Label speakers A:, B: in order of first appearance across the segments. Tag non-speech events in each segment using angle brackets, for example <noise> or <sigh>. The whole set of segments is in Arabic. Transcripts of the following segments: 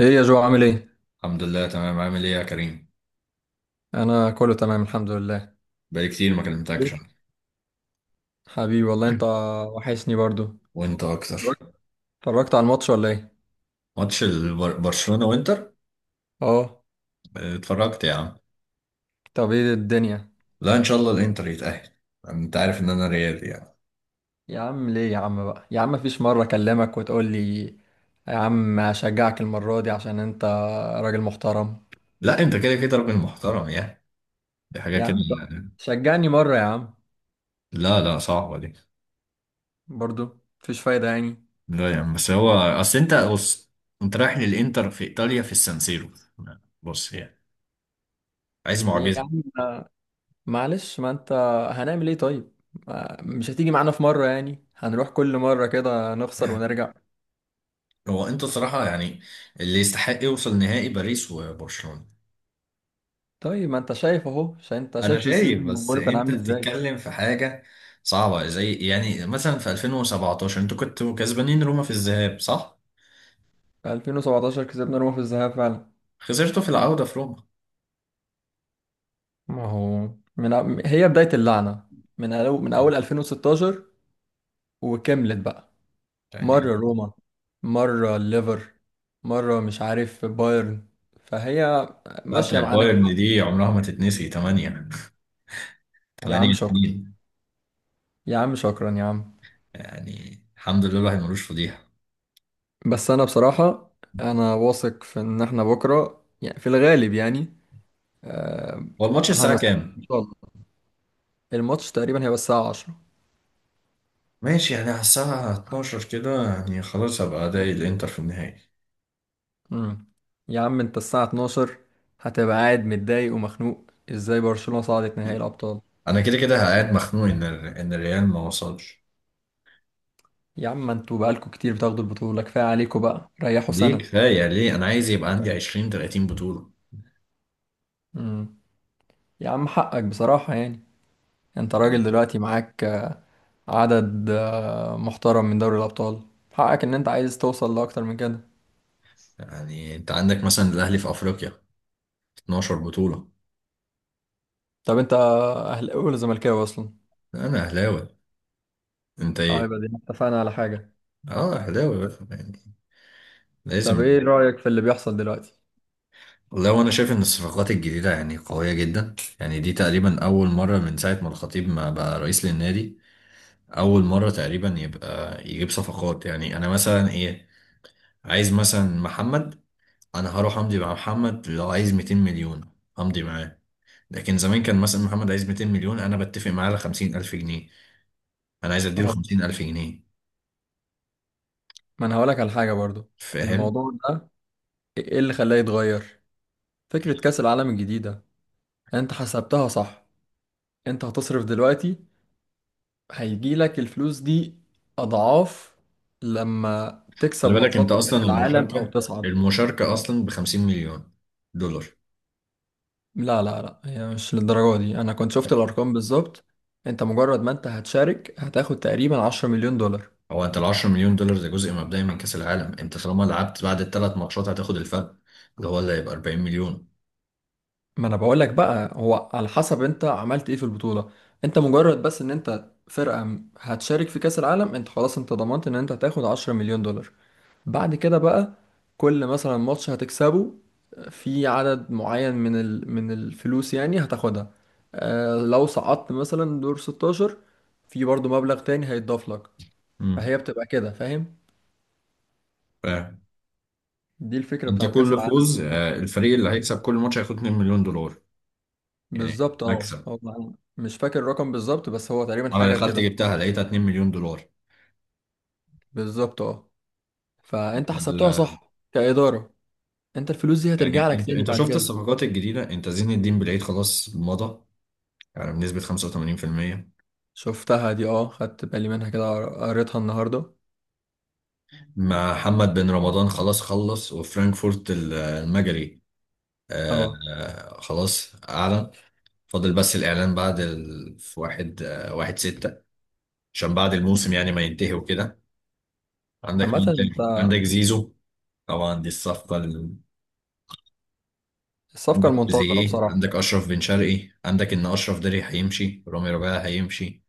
A: ايه يا جو؟ عامل ايه؟
B: الحمد لله تمام. عامل ايه يا كريم؟
A: انا كله تمام الحمد لله.
B: بقالي كتير ما
A: ليه؟
B: كلمتكش. <clears throat>
A: حبيبي والله انت،
B: انا.
A: وحشني برضو.
B: <laughs> وانت اكتر.
A: اتفرجت اتفرجت على الماتش ولا ايه؟
B: ماتش برشلونة وانتر.
A: اه.
B: اتفرجت يا عم.
A: طب ايه الدنيا؟
B: لا، ان شاء الله الانتر يتأهل. انت عارف ان انا ريالي يعني.
A: يا عم ليه يا عم بقى يا عم؟ مفيش مرة اكلمك وتقول لي يا عم هشجعك المرة دي عشان انت راجل محترم.
B: لا، انت كده كده راجل محترم يعني، دي حاجة
A: يا
B: كده
A: عم طب
B: يعني.
A: شجعني مرة يا عم.
B: لا لا، صعبة دي.
A: برضو مفيش فايدة يعني.
B: لا يعني، بس هو اصل انت بص، انت رايح للانتر في ايطاليا في السانسيرو، بص يعني عايز
A: يا
B: معجزة.
A: عم معلش، ما انت هنعمل ايه طيب؟ مش هتيجي معانا في مرة؟ يعني هنروح كل مرة كده نخسر
B: <clears throat> <laughs>
A: ونرجع.
B: هو انت صراحة يعني اللي يستحق يوصل نهائي باريس وبرشلونة.
A: طيب ما انت شايف اهو، عشان انت
B: انا
A: شايف
B: شايف،
A: السيزون اللي
B: بس
A: بقوله كان
B: انت
A: عامل ازاي.
B: بتتكلم في حاجه صعبه، زي يعني مثلا في 2017 انتوا كنتوا كسبانين روما في الذهاب، صح؟
A: في 2017 كسبنا روما في الذهاب فعلا.
B: خسرتوا في العوده في روما.
A: ما هو من هي بداية اللعنة؟ من
B: يعني.
A: أول 2016، وكملت بقى.
B: يعني.
A: مرة روما، مرة الليفر، مرة مش عارف بايرن. فهي
B: لا،
A: ماشية
B: بتاع
A: معانا
B: بايرن
A: كده.
B: دي عمرها ما تتنسي، 8
A: يا
B: 8
A: عم شكرا،
B: 2.
A: يا عم شكرا يا عم.
B: <laughs> يعني الحمد لله الواحد ملوش فضيحه.
A: بس أنا بصراحة أنا واثق في إن إحنا بكرة يعني في الغالب يعني
B: هو الماتش الساعه
A: هنصر إن
B: كام؟
A: شاء الله. الماتش تقريبا هيبقى الساعة 10.
B: ماشي يعني، على الساعه 12 كده يعني، خلاص هبقى ادعي الانتر في النهائي.
A: مم. يا عم انت الساعة 12 هتبقى قاعد متضايق ومخنوق ازاي برشلونة صعدت نهائي الأبطال.
B: انا كده كده قاعد مخنوق ان ان الريال ما وصلش.
A: يا عم انتوا بقالكوا كتير بتاخدوا البطولة، كفاية عليكوا بقى، ريحوا
B: دي
A: سنة.
B: كفايه ليه، انا عايز يبقى عندي 20 30 بطوله.
A: مم. يا عم حقك بصراحة يعني. انت راجل دلوقتي معاك عدد محترم من دوري الأبطال. حقك ان انت عايز توصل لأكتر من كده.
B: يعني انت عندك مثلا الاهلي في افريقيا 12 بطولة.
A: طب انت أهلاوي ولا زملكاوي أصلا؟
B: انا اهلاوي، انت ايه؟
A: طيب ادينا اتفقنا على حاجة.
B: اه اهلاوي بقى يعني،
A: طب
B: لازم.
A: ايه رأيك في اللي بيحصل دلوقتي؟
B: والله وانا شايف ان الصفقات الجديدة يعني قوية جدا يعني، دي تقريبا اول مرة من ساعة ما الخطيب ما بقى رئيس للنادي اول مرة تقريبا يبقى يجيب صفقات. يعني انا مثلا ايه، عايز مثلا محمد، انا هروح امضي مع محمد لو عايز 200 مليون، امضي معاه. لكن زمان كان مثلا محمد عايز 200 مليون، انا بتفق معاه على 50,000 جنيه، انا عايز اديله
A: اه،
B: 50,000 جنيه.
A: ما انا هقولك على حاجة برضو.
B: فاهم؟
A: الموضوع ده ايه اللي خلاه يتغير؟ فكرة كأس العالم الجديدة، انت حسبتها صح؟ انت هتصرف دلوقتي، هيجيلك الفلوس دي أضعاف لما تكسب
B: خلي بالك انت،
A: ماتشات في كأس
B: اصلا
A: العالم أو
B: المشاركه
A: تصعد.
B: المشاركه اصلا ب 50 مليون دولار.
A: لا لا لا، هي مش للدرجة دي. أنا كنت شفت الأرقام بالظبط. انت مجرد ما انت هتشارك هتاخد تقريبا 10 مليون دولار.
B: هو انت ال 10 مليون دولار ده جزء مبدئي من كاس العالم، انت طالما لعبت بعد الثلاث ماتشات هتاخد الفرق، اللي هو اللي هيبقى 40 مليون.
A: ما انا بقولك بقى، هو على حسب انت عملت ايه في البطولة. انت مجرد بس ان انت فرقة هتشارك في كأس العالم انت خلاص انت ضمنت ان انت هتاخد 10 مليون دولار. بعد كده بقى، كل مثلا ماتش هتكسبه في عدد معين من الفلوس يعني هتاخدها. آه، لو صعدت مثلا دور 16 في برضو مبلغ تاني هيتضاف لك.
B: امم.
A: فهي بتبقى كده، فاهم؟
B: فانت
A: دي الفكرة بتاعت كأس
B: كل
A: العالم.
B: فوز، آه، الفريق اللي هيكسب كل ماتش هياخد 2 مليون دولار. يعني
A: بالظبط اه.
B: مكسب.
A: هو أنا مش فاكر الرقم بالظبط بس هو تقريبا
B: انا
A: حاجة
B: دخلت
A: كده.
B: جبتها لقيتها 2 مليون دولار.
A: بالظبط اه، فانت حسبتها
B: ال-
A: صح كإدارة. انت الفلوس دي هترجع
B: يعني
A: لك
B: انت
A: تاني
B: انت
A: بعد
B: شفت
A: كده.
B: الصفقات الجديده، انت زين الدين بالعيد خلاص مضى يعني بنسبه 85%.
A: شفتها دي اه، خدت بالي منها كده، قريتها النهاردة.
B: مع محمد بن رمضان خلاص خلص، وفرانكفورت المجري،
A: اه.
B: خلاص أعلن. فاضل بس الإعلان بعد في واحد واحد ستة، عشان بعد الموسم يعني ما ينتهي وكده. عندك
A: عامة
B: مين تاني؟ عندك زيزو، طبعا دي الصفقة
A: الصفقة
B: عندك
A: المنتظرة
B: تريزيجيه،
A: بصراحة.
B: عندك أشرف بن شرقي، عندك إن أشرف داري هيمشي، رامي ربيعة هيمشي،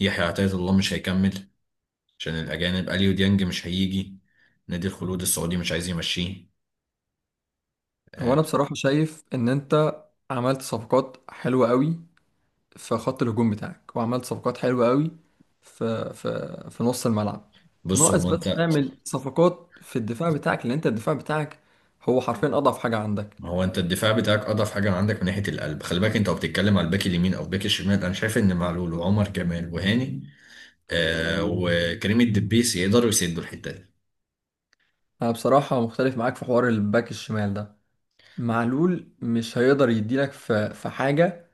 B: يحيى عطية الله مش هيكمل عشان الأجانب، أليو ديانج مش هيجي، نادي الخلود السعودي مش عايز يمشيه.
A: هو
B: آه،
A: أنا بصراحة شايف إن أنت عملت صفقات حلوة قوي في خط الهجوم بتاعك، وعملت صفقات حلوة قوي في نص الملعب.
B: بص
A: ناقص
B: هو
A: بس
B: انت.
A: تعمل صفقات في الدفاع بتاعك لأن أنت الدفاع بتاعك هو حرفيا أضعف حاجة عندك.
B: ما هو انت الدفاع بتاعك اضعف حاجه عندك من ناحيه القلب. خلي بالك انت وبتتكلم على الباك اليمين او الباك الشمال، انا شايف ان معلول وعمر جمال وهاني آه وكريم الدبيس يقدروا يسدوا الحته دي.
A: أنا بصراحة مختلف معاك في حوار الباك الشمال ده. معلول مش هيقدر يديلك في حاجة،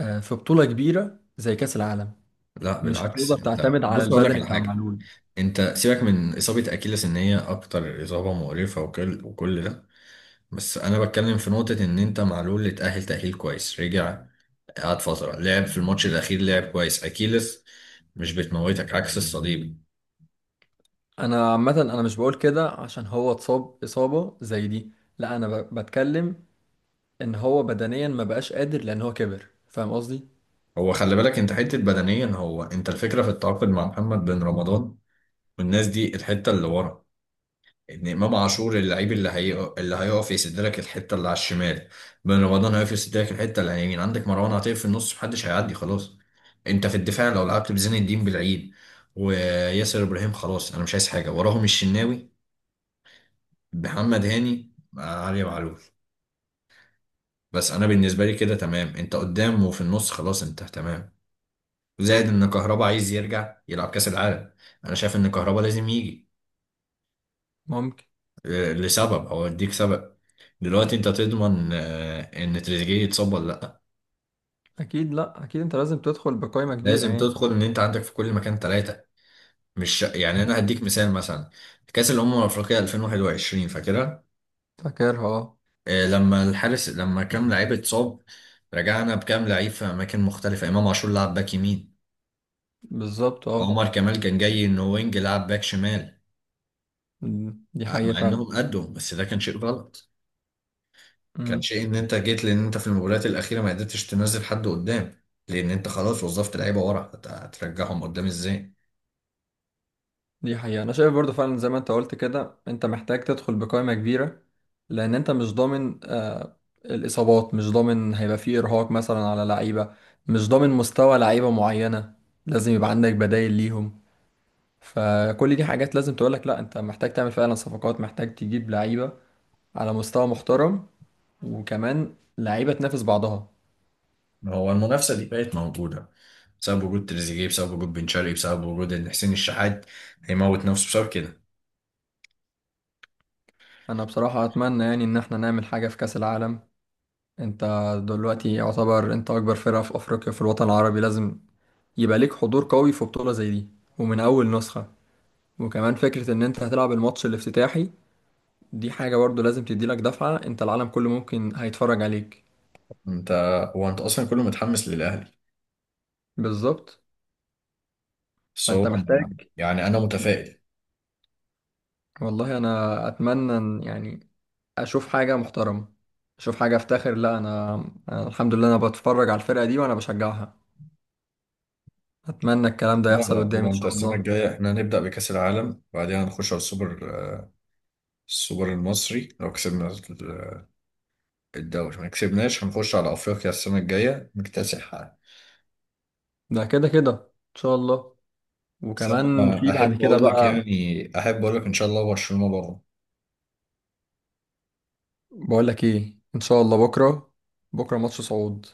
A: في بطولة كبيرة زي كأس العالم.
B: لا
A: مش
B: بالعكس،
A: هتقدر
B: انت
A: تعتمد على
B: بص اقول لك
A: البدني
B: على
A: بتاع
B: حاجه،
A: معلول.
B: انت سيبك من اصابه اكيلس ان هي اكتر اصابه مقرفه وكل ده، بس انا بتكلم في نقطه ان انت معلول اتاهل تاهيل كويس، رجع قعد فتره، لعب في الماتش الاخير لعب كويس. اكيلس مش بتموتك عكس الصليب.
A: انا عامه انا مش بقول كده عشان هو اتصاب اصابه زي دي. لا انا بتكلم ان هو بدنيا ما بقاش قادر لان هو كبر، فاهم قصدي؟
B: هو خلي بالك انت حته بدنيا، هو انت الفكره في التعاقد مع محمد بن رمضان والناس دي الحته اللي ورا، ان امام عاشور اللعيب اللي هي اللي هيقف يسد لك الحته اللي على الشمال، بن رمضان هيقف يسد لك الحته اللي على اليمين، عندك مروان عطيه في النص، محدش هيعدي خلاص. انت في الدفاع لو لعبت بزين الدين بالعيد وياسر ابراهيم خلاص انا مش عايز حاجه، وراهم الشناوي، محمد هاني، آه، علي معلول. بس انا بالنسبه لي كده تمام، انت قدام وفي النص خلاص انت تمام. زائد ان كهربا عايز يرجع يلعب كاس العالم، انا شايف ان كهربا لازم يجي.
A: ممكن.
B: آه، لسبب او اديك سبب، دلوقتي انت تضمن، آه، ان تريزيجيه يتصاب ولا لا؟
A: اكيد لا، اكيد انت لازم تدخل بقائمه كبيره
B: لازم
A: يعني.
B: تدخل ان انت عندك في كل مكان ثلاثه. مش يعني، انا هديك مثال مثلا كاس الامم الافريقيه 2021، فاكرها؟
A: فاكرها اه.
B: آه، لما الحارس، لما كام لعيب اتصاب، رجعنا بكام لعيب في اماكن مختلفه، امام عاشور لعب باك يمين،
A: بالظبط اه.
B: عمر كمال كان جاي انه وينج لعب باك شمال،
A: دي
B: آه،
A: حقيقه
B: مع انهم
A: فعلا.
B: قدوا، بس ده كان شيء غلط. كان
A: إمم.
B: شيء ان انت جيت، لان انت في المباريات الاخيره ما قدرتش تنزل حد قدام، لان انت خلاص وظفت لعيبه ورا، هترجعهم قدام ازاي؟
A: دي حقيقة، أنا شايف برضو فعلا زي ما أنت قلت كده، أنت محتاج تدخل بقائمة كبيرة لأن أنت مش ضامن الإصابات، مش ضامن هيبقى فيه إرهاق مثلا على لعيبة، مش ضامن مستوى لعيبة معينة، لازم يبقى عندك بدايل ليهم. فكل دي حاجات لازم تقولك لأ، أنت محتاج تعمل فعلا صفقات، محتاج تجيب لعيبة على مستوى محترم، وكمان لعيبة تنافس بعضها.
B: هو المنافسه دي بقت موجوده بسبب وجود تريزيجيه، بسبب وجود بن شرقي، بسبب وجود ان حسين الشحات هيموت نفسه بسبب كده.
A: أنا بصراحة أتمنى يعني إن احنا نعمل حاجة في كأس العالم. أنت دلوقتي يعتبر أنت أكبر فرقة في أفريقيا في الوطن العربي، لازم يبقى ليك حضور قوي في بطولة زي دي ومن أول نسخة. وكمان فكرة إن أنت هتلعب الماتش الافتتاحي دي حاجة برضو لازم تديلك دفعة. أنت العالم كله ممكن هيتفرج عليك.
B: انت. هو انت اصلا كله متحمس للاهلي.
A: بالظبط.
B: بس هو
A: فأنت محتاج.
B: يعني انا متفائل.
A: والله أنا أتمنى إن يعني أشوف حاجة محترمة، أشوف حاجة أفتخر. لا، أنا الحمد لله أنا بتفرج على الفرقة دي وأنا بشجعها. أتمنى الكلام ده
B: لا
A: يحصل
B: لا،
A: قدامي
B: هو
A: إن
B: انت
A: شاء
B: السنه
A: الله.
B: الجايه احنا هنبدا بكاس العالم، بعدين هنخش على السوبر، آه، السوبر المصري، لو كسبنا الدوري ما كسبناش هنخش على افريقيا السنه الجايه نكتسحها.
A: ده كده كده إن شاء الله.
B: بس
A: وكمان
B: انا
A: في بعد
B: احب
A: كده
B: اقول لك
A: بقى.
B: يعني، احب اقول لك ان شاء الله برشلونه بره.
A: بقول لك ايه؟ ان شاء الله بكره، بكره ماتش صعود.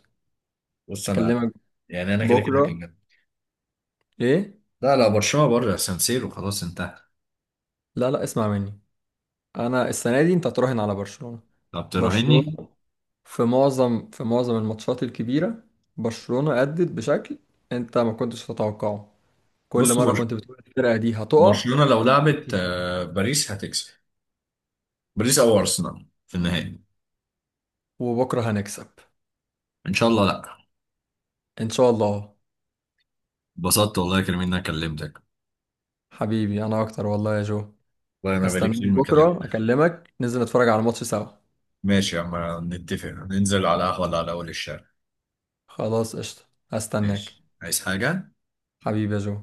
B: بص انا
A: اكلمك
B: يعني انا كده كده
A: بكره،
B: كده.
A: ايه.
B: لا لا، برشلونه بره سانسيرو خلاص انتهى.
A: لا لا، اسمع مني. انا السنه دي انت هتراهن على برشلونه.
B: طب تراهني.
A: برشلونه في معظم الماتشات الكبيره، برشلونه ادت بشكل انت ما كنتش تتوقعه. كل
B: بص
A: مره كنت بتقول الفرقه دي هتقع.
B: برشلونه لو لعبت، آه، باريس هتكسب، باريس او ارسنال في النهائي.
A: وبكره هنكسب
B: ان شاء الله. لا.
A: ان شاء الله.
B: اتبسطت والله يا كريم ان انا كلمتك.
A: حبيبي انا اكتر والله يا جو.
B: والله انا بقالي
A: هستناك
B: كتير ما كلمتك.
A: بكره اكلمك، ننزل نتفرج على الماتش سوا.
B: ماشي يا عم، نتفق ننزل على قهوه ولا على اول الشارع؟
A: خلاص قشطه. هستناك.
B: ماشي، عايز حاجه؟
A: حبيبي يا جو.